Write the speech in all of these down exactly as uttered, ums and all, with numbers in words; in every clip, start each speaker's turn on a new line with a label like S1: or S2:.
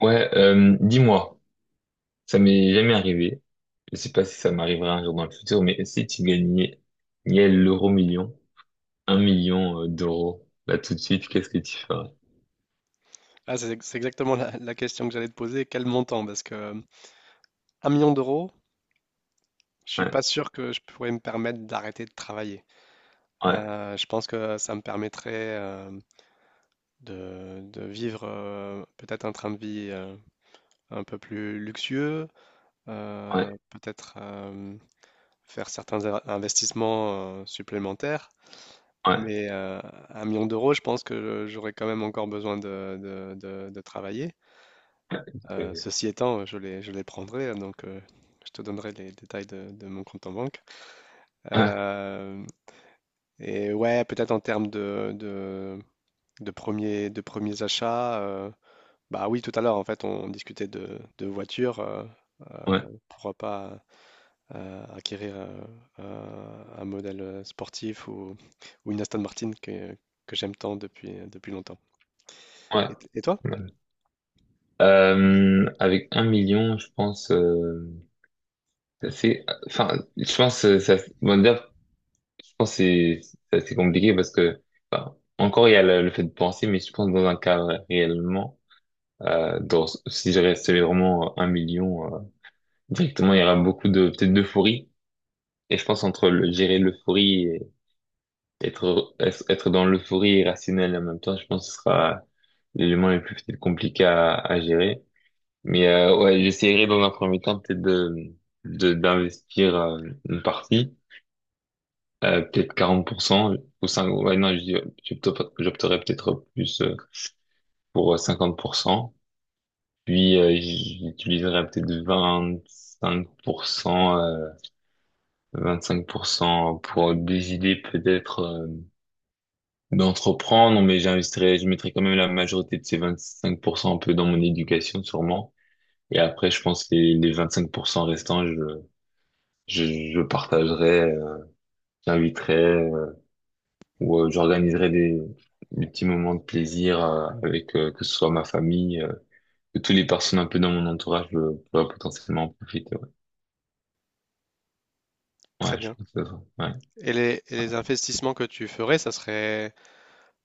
S1: Ouais, euh, dis-moi, ça m'est jamais arrivé. Je sais pas si ça m'arrivera un jour dans le futur, mais si tu gagnais, il y a l'euro million, un million euh, d'euros, là tout de suite, qu'est-ce que tu ferais?
S2: Ah, c'est c'est exactement la, la question que j'allais te poser. Quel montant? Parce que euh, un million d'euros, je suis
S1: Ouais,
S2: pas sûr que je pourrais me permettre d'arrêter de travailler.
S1: ouais,
S2: Euh, je pense que ça me permettrait euh, de, de vivre euh, peut-être un train de vie euh, un peu plus luxueux, euh,
S1: ouais,
S2: peut-être euh, faire certains a- investissements euh, supplémentaires.
S1: ouais,
S2: Mais euh, un million d'euros, je pense que j'aurais quand même encore besoin de, de de- de travailler.
S1: ouais,
S2: Euh,
S1: ouais,
S2: ceci étant, je les, je les prendrai, hein, donc euh, je te donnerai les détails de, de mon compte en banque. Euh, et ouais, peut-être en termes de, de, de premiers, de premiers achats, euh, bah oui, tout à l'heure, en fait, on discutait de, de voitures. euh, euh,
S1: ouais,
S2: pourquoi pas euh, acquérir euh, euh, un modèle sportif ou, ou une Aston Martin que, que j'aime tant depuis, depuis longtemps.
S1: ouais.
S2: Et, et toi?
S1: Ouais. Euh, avec un million, je pense, euh, c'est, enfin, je pense, euh, ça, bon, d'ailleurs, je pense que c'est c'est assez compliqué parce que encore il y a le, le fait de penser, mais je pense dans un cadre réellement. Euh, dans, si je restais vraiment un million, euh, directement, il y aura beaucoup de, peut-être d'euphorie. Et je pense entre le, gérer l'euphorie et être, être dans l'euphorie et rationnel en même temps, je pense que ce sera l'élément le plus peut-être compliqué à, à gérer. Mais euh, ouais, j'essaierai dans un premier temps peut-être de, de, d'investir euh, une partie, euh, peut-être quarante pour cent ou cinq ouais, non, je dis- j'opte- j'opterais peut-être plus euh, pour euh, cinquante pour cent. Puis euh, j'utiliserai peut-être vingt-cinq pour cent, euh, vingt-cinq pour cent pour cent pour des idées peut-être euh, d'entreprendre, mais j'investirai, je mettrai quand même la majorité de ces vingt-cinq pour cent un peu dans mon éducation sûrement. Et après, je pense que les, les vingt-cinq pour cent restants, je, je, je partagerai, euh, j'inviterai euh, ou euh, j'organiserai des, des petits moments de plaisir euh, avec euh, que ce soit ma famille, euh, que toutes les personnes un peu dans mon entourage euh, pourraient potentiellement en profiter. Ouais.
S2: Très
S1: Ouais, je
S2: bien.
S1: pense que ça. Ouais.
S2: Et les, et les investissements que tu ferais, ça serait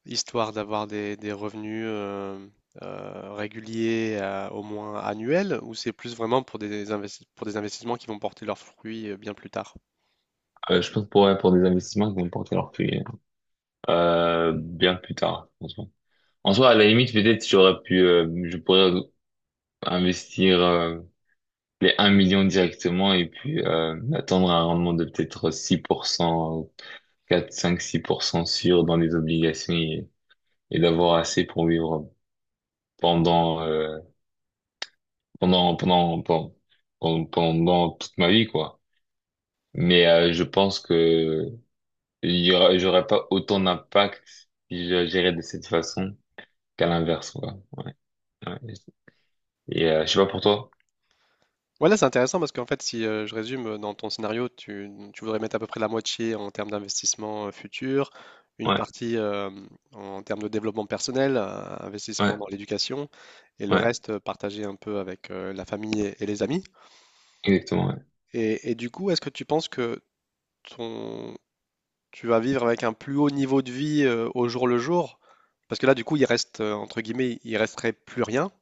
S2: histoire d'avoir des, des revenus euh, euh, réguliers, euh, au moins annuels, ou c'est plus vraiment pour des investi- pour des investissements qui vont porter leurs fruits euh, bien plus tard?
S1: Euh, je pense pour, ouais, pour des investissements qui vont porter leurs fruits euh, bien plus tard, franchement. En soi, à la limite, peut-être j'aurais pu, euh, je pourrais investir euh, les un million directement et puis euh, attendre un rendement de peut-être six pour cent, quatre, cinq, six pour cent sûr dans les obligations, et, et d'avoir assez pour vivre pendant, euh, pendant, pendant, pendant, pendant, pendant toute ma vie, quoi. Mais euh, je pense que Il y aura, j'aurais pas autant d'impact si je gérais de cette façon qu'à l'inverse, quoi. Ouais, ouais. Et euh, je sais pas pour toi.
S2: Voilà, c'est intéressant parce qu'en fait, si euh, je résume, euh, dans ton scénario, tu, tu voudrais mettre à peu près la moitié en termes d'investissement euh, futur, une
S1: Ouais,
S2: partie euh, en termes de développement personnel, euh,
S1: ouais,
S2: investissement dans l'éducation, et le
S1: ouais,
S2: reste euh, partagé un peu avec euh, la famille et, et les amis.
S1: exactement. Ouais,
S2: Et, et du coup, est-ce que tu penses que ton, tu vas vivre avec un plus haut niveau de vie euh, au jour le jour? Parce que là, du coup, il reste, euh, entre guillemets, il resterait plus rien.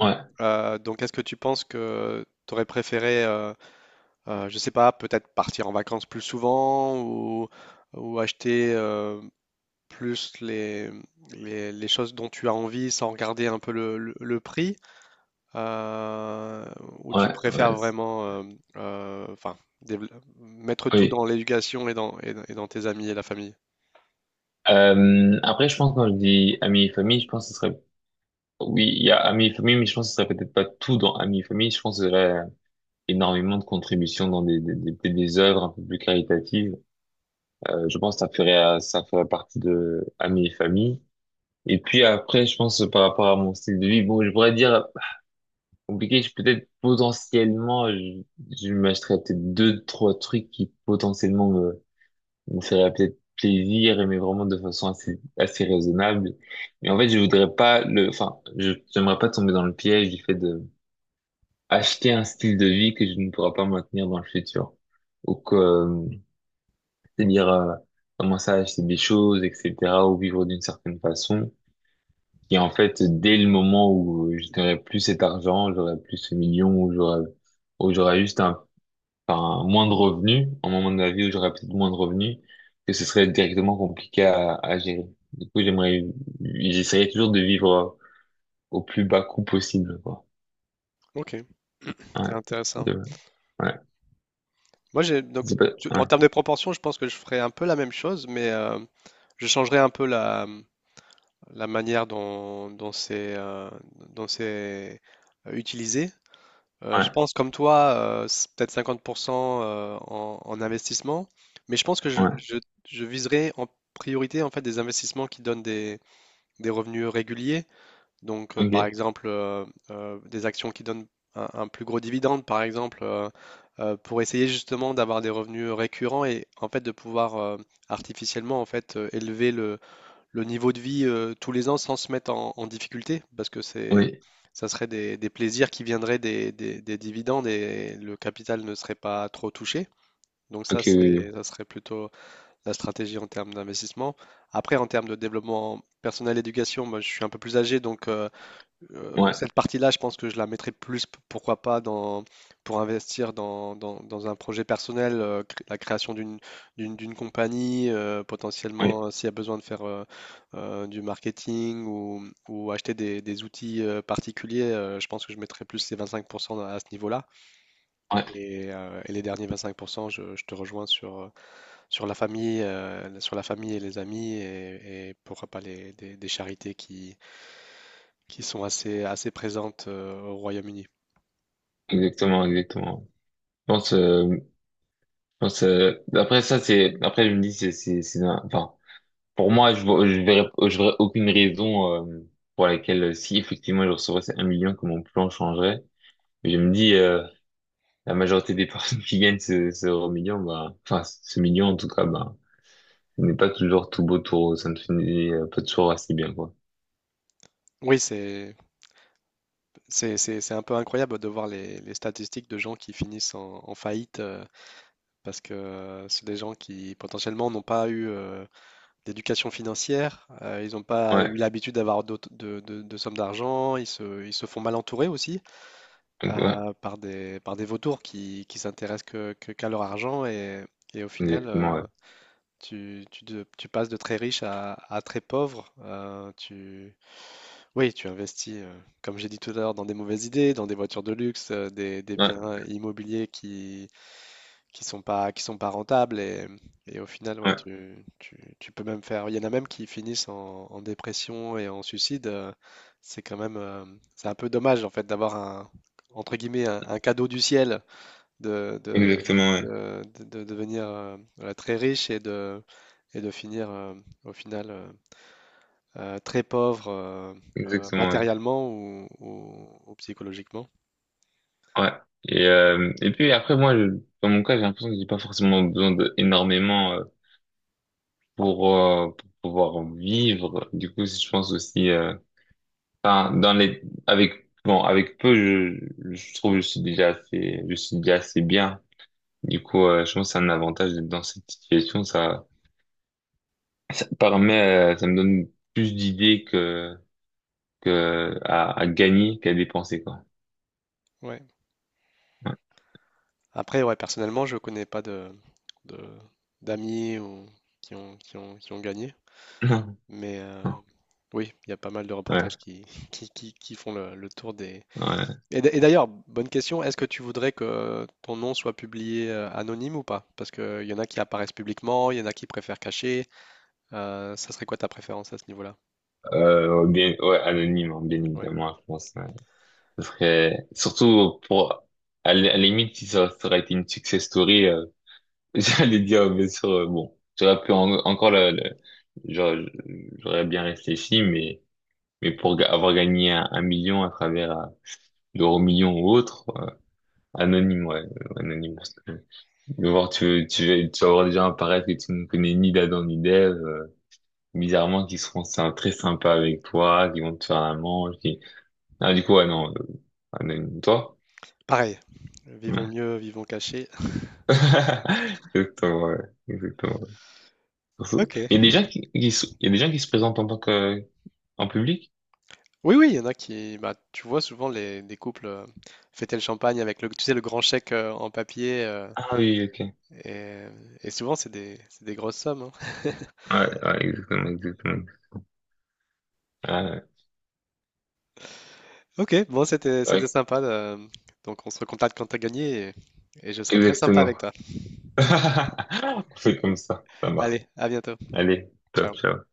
S1: ouais,
S2: Euh, donc, est-ce que tu penses que tu aurais préféré... euh, Heu, je sais pas, peut-être partir en vacances plus souvent ou ou acheter, heu, plus les, mmh, les les choses dont tu as envie sans regarder un peu le le le prix, heu, ou tu
S1: ouais.
S2: préfères
S1: Ouais. c'est-
S2: vraiment, hem, heu, enfin, dével mettre tout
S1: Oui.
S2: dans l'éducation et dans et dans et dans tes amis et la famille?
S1: Euh, après, je pense quand je dis amis et famille, je pense que ce serait. Oui, il y a amis et famille, mais je pense que ce serait peut-être pas tout dans amis et famille. Je pense qu'il y aurait énormément de contributions dans des des, des, des des œuvres un peu plus caritatives. Euh, je pense que ça ferait ça ferait partie de amis et famille. Et puis après, je pense euh, par rapport à mon style de vie, bon, je pourrais dire compliqué, je peut-être potentiellement, je, je m'achèterais peut-être deux, trois trucs qui potentiellement me, me feraient peut-être plaisir, et mais vraiment de façon assez, assez raisonnable. Mais en fait, je voudrais pas le, enfin, je, j'aimerais pas tomber dans le piège du fait de acheter un style de vie que je ne pourrais pas maintenir dans le futur. Ou que, euh, c'est-à-dire, euh, commencer à acheter des choses, et cetera, ou vivre d'une certaine façon qui en fait, dès le moment où j'aurais plus cet argent, j'aurais plus ce million, où j'aurais, où j'aurais juste un, enfin, moins de revenus, un moment de ma vie où j'aurais peut-être moins de revenus, que ce serait directement compliqué à, à gérer. Du coup, j'aimerais, j'essaierais toujours de vivre au plus bas coût possible, quoi.
S2: OK,
S1: Ouais,
S2: c'est
S1: de,
S2: intéressant.
S1: ouais,
S2: Moi, j'ai donc
S1: c'est pas,
S2: tu- en
S1: ouais,
S2: termes de proportion, je pense que je ferais un peu la même chose, mais euh, je changerais un peu la, la manière dont, dont c'est euh, dont c'est euh, utilisé. Euh, je
S1: ouais,
S2: pense, comme toi, euh, c'est peut-être cinquante pour cent euh, en, en investissement, mais je pense que je,
S1: ouais,
S2: je, je viserais en priorité en fait des investissements qui donnent des, des revenus réguliers. Donc, euh, par
S1: ok,
S2: exemple, euh, euh, des actions qui donnent un, un plus gros dividende, par exemple, euh, euh, pour essayer justement d'avoir des revenus récurrents et en fait de pouvoir euh, artificiellement en fait euh, élever le, le niveau de vie euh, tous les ans sans se mettre en, en difficulté, parce que c'est
S1: oui,
S2: ça serait des- des plaisirs qui viendraient des, des- des dividendes et le capital ne serait pas trop touché. Donc ça,
S1: ok, oui, oui.
S2: c'est, ça serait plutôt la stratégie en termes d'investissement. Après, en termes de développement personnel, éducation, moi, je suis un peu plus âgé, donc euh, euh,
S1: Ouais,
S2: cette partie-là, je pense que je la mettrais plus, p- pourquoi pas, dans, pour investir dans, dans- dans un projet personnel, euh, cré- la création d'une d'une d'une compagnie, euh,
S1: oui,
S2: potentiellement euh, s'il y a besoin de faire euh, euh, du marketing ou, ou acheter des, des outils euh, particuliers, euh, je pense que je mettrais plus ces vingt-cinq pour cent à ce niveau-là.
S1: ouais,
S2: Et, euh, et les derniers vingt-cinq pour cent, je, je te rejoins sur, euh, sur la famille, euh, sur la famille et les amis et, et pourquoi pas les, des, des charités qui, qui sont assez, assez présentes euh, au Royaume-Uni.
S1: exactement, exactement. Je pense, euh, je pense, euh, après ça, c'est, après, je me dis, c'est, c'est, c'est, un- enfin, pour moi, je vois- je verrais, je verrais aucune raison euh, pour laquelle, euh, si effectivement je recevrais ces un million, que mon plan changerait. Mais je me dis, euh, la majorité des personnes qui gagnent ce, ce euro million, bah, enfin ce million en tout cas, bah, ce n'est pas toujours tout beau, tout rose, ça ne finit euh, pas toujours assez bien, quoi.
S2: Oui, c'est, c'est, c'est, c'est un peu incroyable de voir les, les statistiques de gens qui finissent en, en faillite euh, parce que euh, c'est des gens qui potentiellement n'ont pas eu euh, d'éducation financière, euh, ils n'ont pas
S1: Ouais,
S2: eu l'habitude d'avoir d'autres- de, de- de sommes d'argent, ils se, ils se font mal entourer aussi
S1: ouais,
S2: euh, par des, par des vautours qui, qui s'intéressent que, que- qu'à leur argent et, et au final,
S1: exactement,
S2: euh,
S1: ouais.
S2: tu, tu, de- tu passes de très riche à, à très pauvre. euh, tu, Oui, tu investis, heu, comme j'ai dit tout à l'heure, dans des mauvaises idées, dans des voitures de luxe, heu, des des
S1: Ouais,
S2: biens immobiliers qui qui sont pas qui sont pas rentables et mmh et au final, ouais,
S1: ouais,
S2: tu tu tu peux même faire il y en a même qui finissent en en dépression et en suicide, heu, c'est quand même, hem, c'est un peu dommage, en fait, d'avoir un entre guillemets, «un un cadeau du ciel» de de
S1: exactement, ouais.
S2: de de de devenir, heu, heu, très riche et de et de finir, heu, au final, heu euh, très pauvres euh, euh,
S1: Exactement, ouais.
S2: matériellement ou, ou- ou psychologiquement.
S1: Ouais. Et, euh, et puis après, moi, je- dans mon cas, j'ai l'impression que j'ai pas forcément besoin d'énormément pour, euh, pour pouvoir vivre. Du coup, je pense aussi, euh, enfin, dans les, avec, bon, avec peu, je, je trouve que je suis déjà assez, je suis déjà assez bien. Du coup, euh, je pense que c'est un avantage d'être dans cette situation. Ça, ça permet, euh, ça me donne plus d'idées que, que à, à gagner qu'à dépenser, quoi.
S2: Ouais. Après, ouais, personnellement, je connais pas de, de- d'amis ou, qui ont, qui ont, qui ont gagné,
S1: Ouais,
S2: mais euh, oui, il y a pas mal de
S1: ouais.
S2: reportages qui, qui, qui, qui font le, le tour des...
S1: Ouais.
S2: Et, d- et d'ailleurs, bonne question, est-ce que tu voudrais que ton nom soit publié euh, anonyme ou pas? Parce qu'il y en a qui apparaissent publiquement, il y en a qui préfèrent cacher. Euh, ça serait quoi ta préférence à ce niveau-là?
S1: Euh, ouais, bien, ouais, anonyme, hein, bien
S2: Ouais.
S1: évidemment, je pense. Ouais. Ce serait, surtout pour, à la à la limite, si ça, ça aurait été une success story, euh, j'allais dire, bien sûr, euh, bon, j'aurais pu en- encore le, le- j'aurais j'aurais bien réfléchi, mais, mais pour ga- avoir gagné un, un million à travers euh, l'euro million ou autre, euh, anonyme, ouais, euh, anonyme, parce que, de voir, tu, tu, vas- tu vas avoir des gens apparaître que tu ne connais ni d'Adam ni d'Ève, euh, bizarrement, qui seront sy- très sympas avec toi, qui vont te faire un manche, qui, ah, du coup, ouais, non, euh, anonyme, toi?
S2: Pareil, vivons
S1: Ouais.
S2: mieux, vivons cachés.
S1: Exactement, ouais. Exactement.
S2: Ok.
S1: Il y a des gens qui, qui se- il y a des gens qui se présentent en tant que En public?
S2: Oui, oui, il y en a qui, bah, tu vois souvent les, des couples euh, fêter le champagne avec le, tu sais, le grand chèque euh, en papier, euh,
S1: Ah oui, ok. Ouais,
S2: et, et souvent c'est des, c'est des grosses sommes, hein.
S1: ouais, exactement, exactement. Ah,
S2: Ok, bon, c'était, c'était
S1: ouais,
S2: sympa. euh, donc on se recontacte quand t'as gagné, et, et je serai très sympa
S1: exactement.
S2: avec toi.
S1: On fait comme ça, ça marche.
S2: Allez, à bientôt.
S1: Allez, top,
S2: Ciao.
S1: ciao.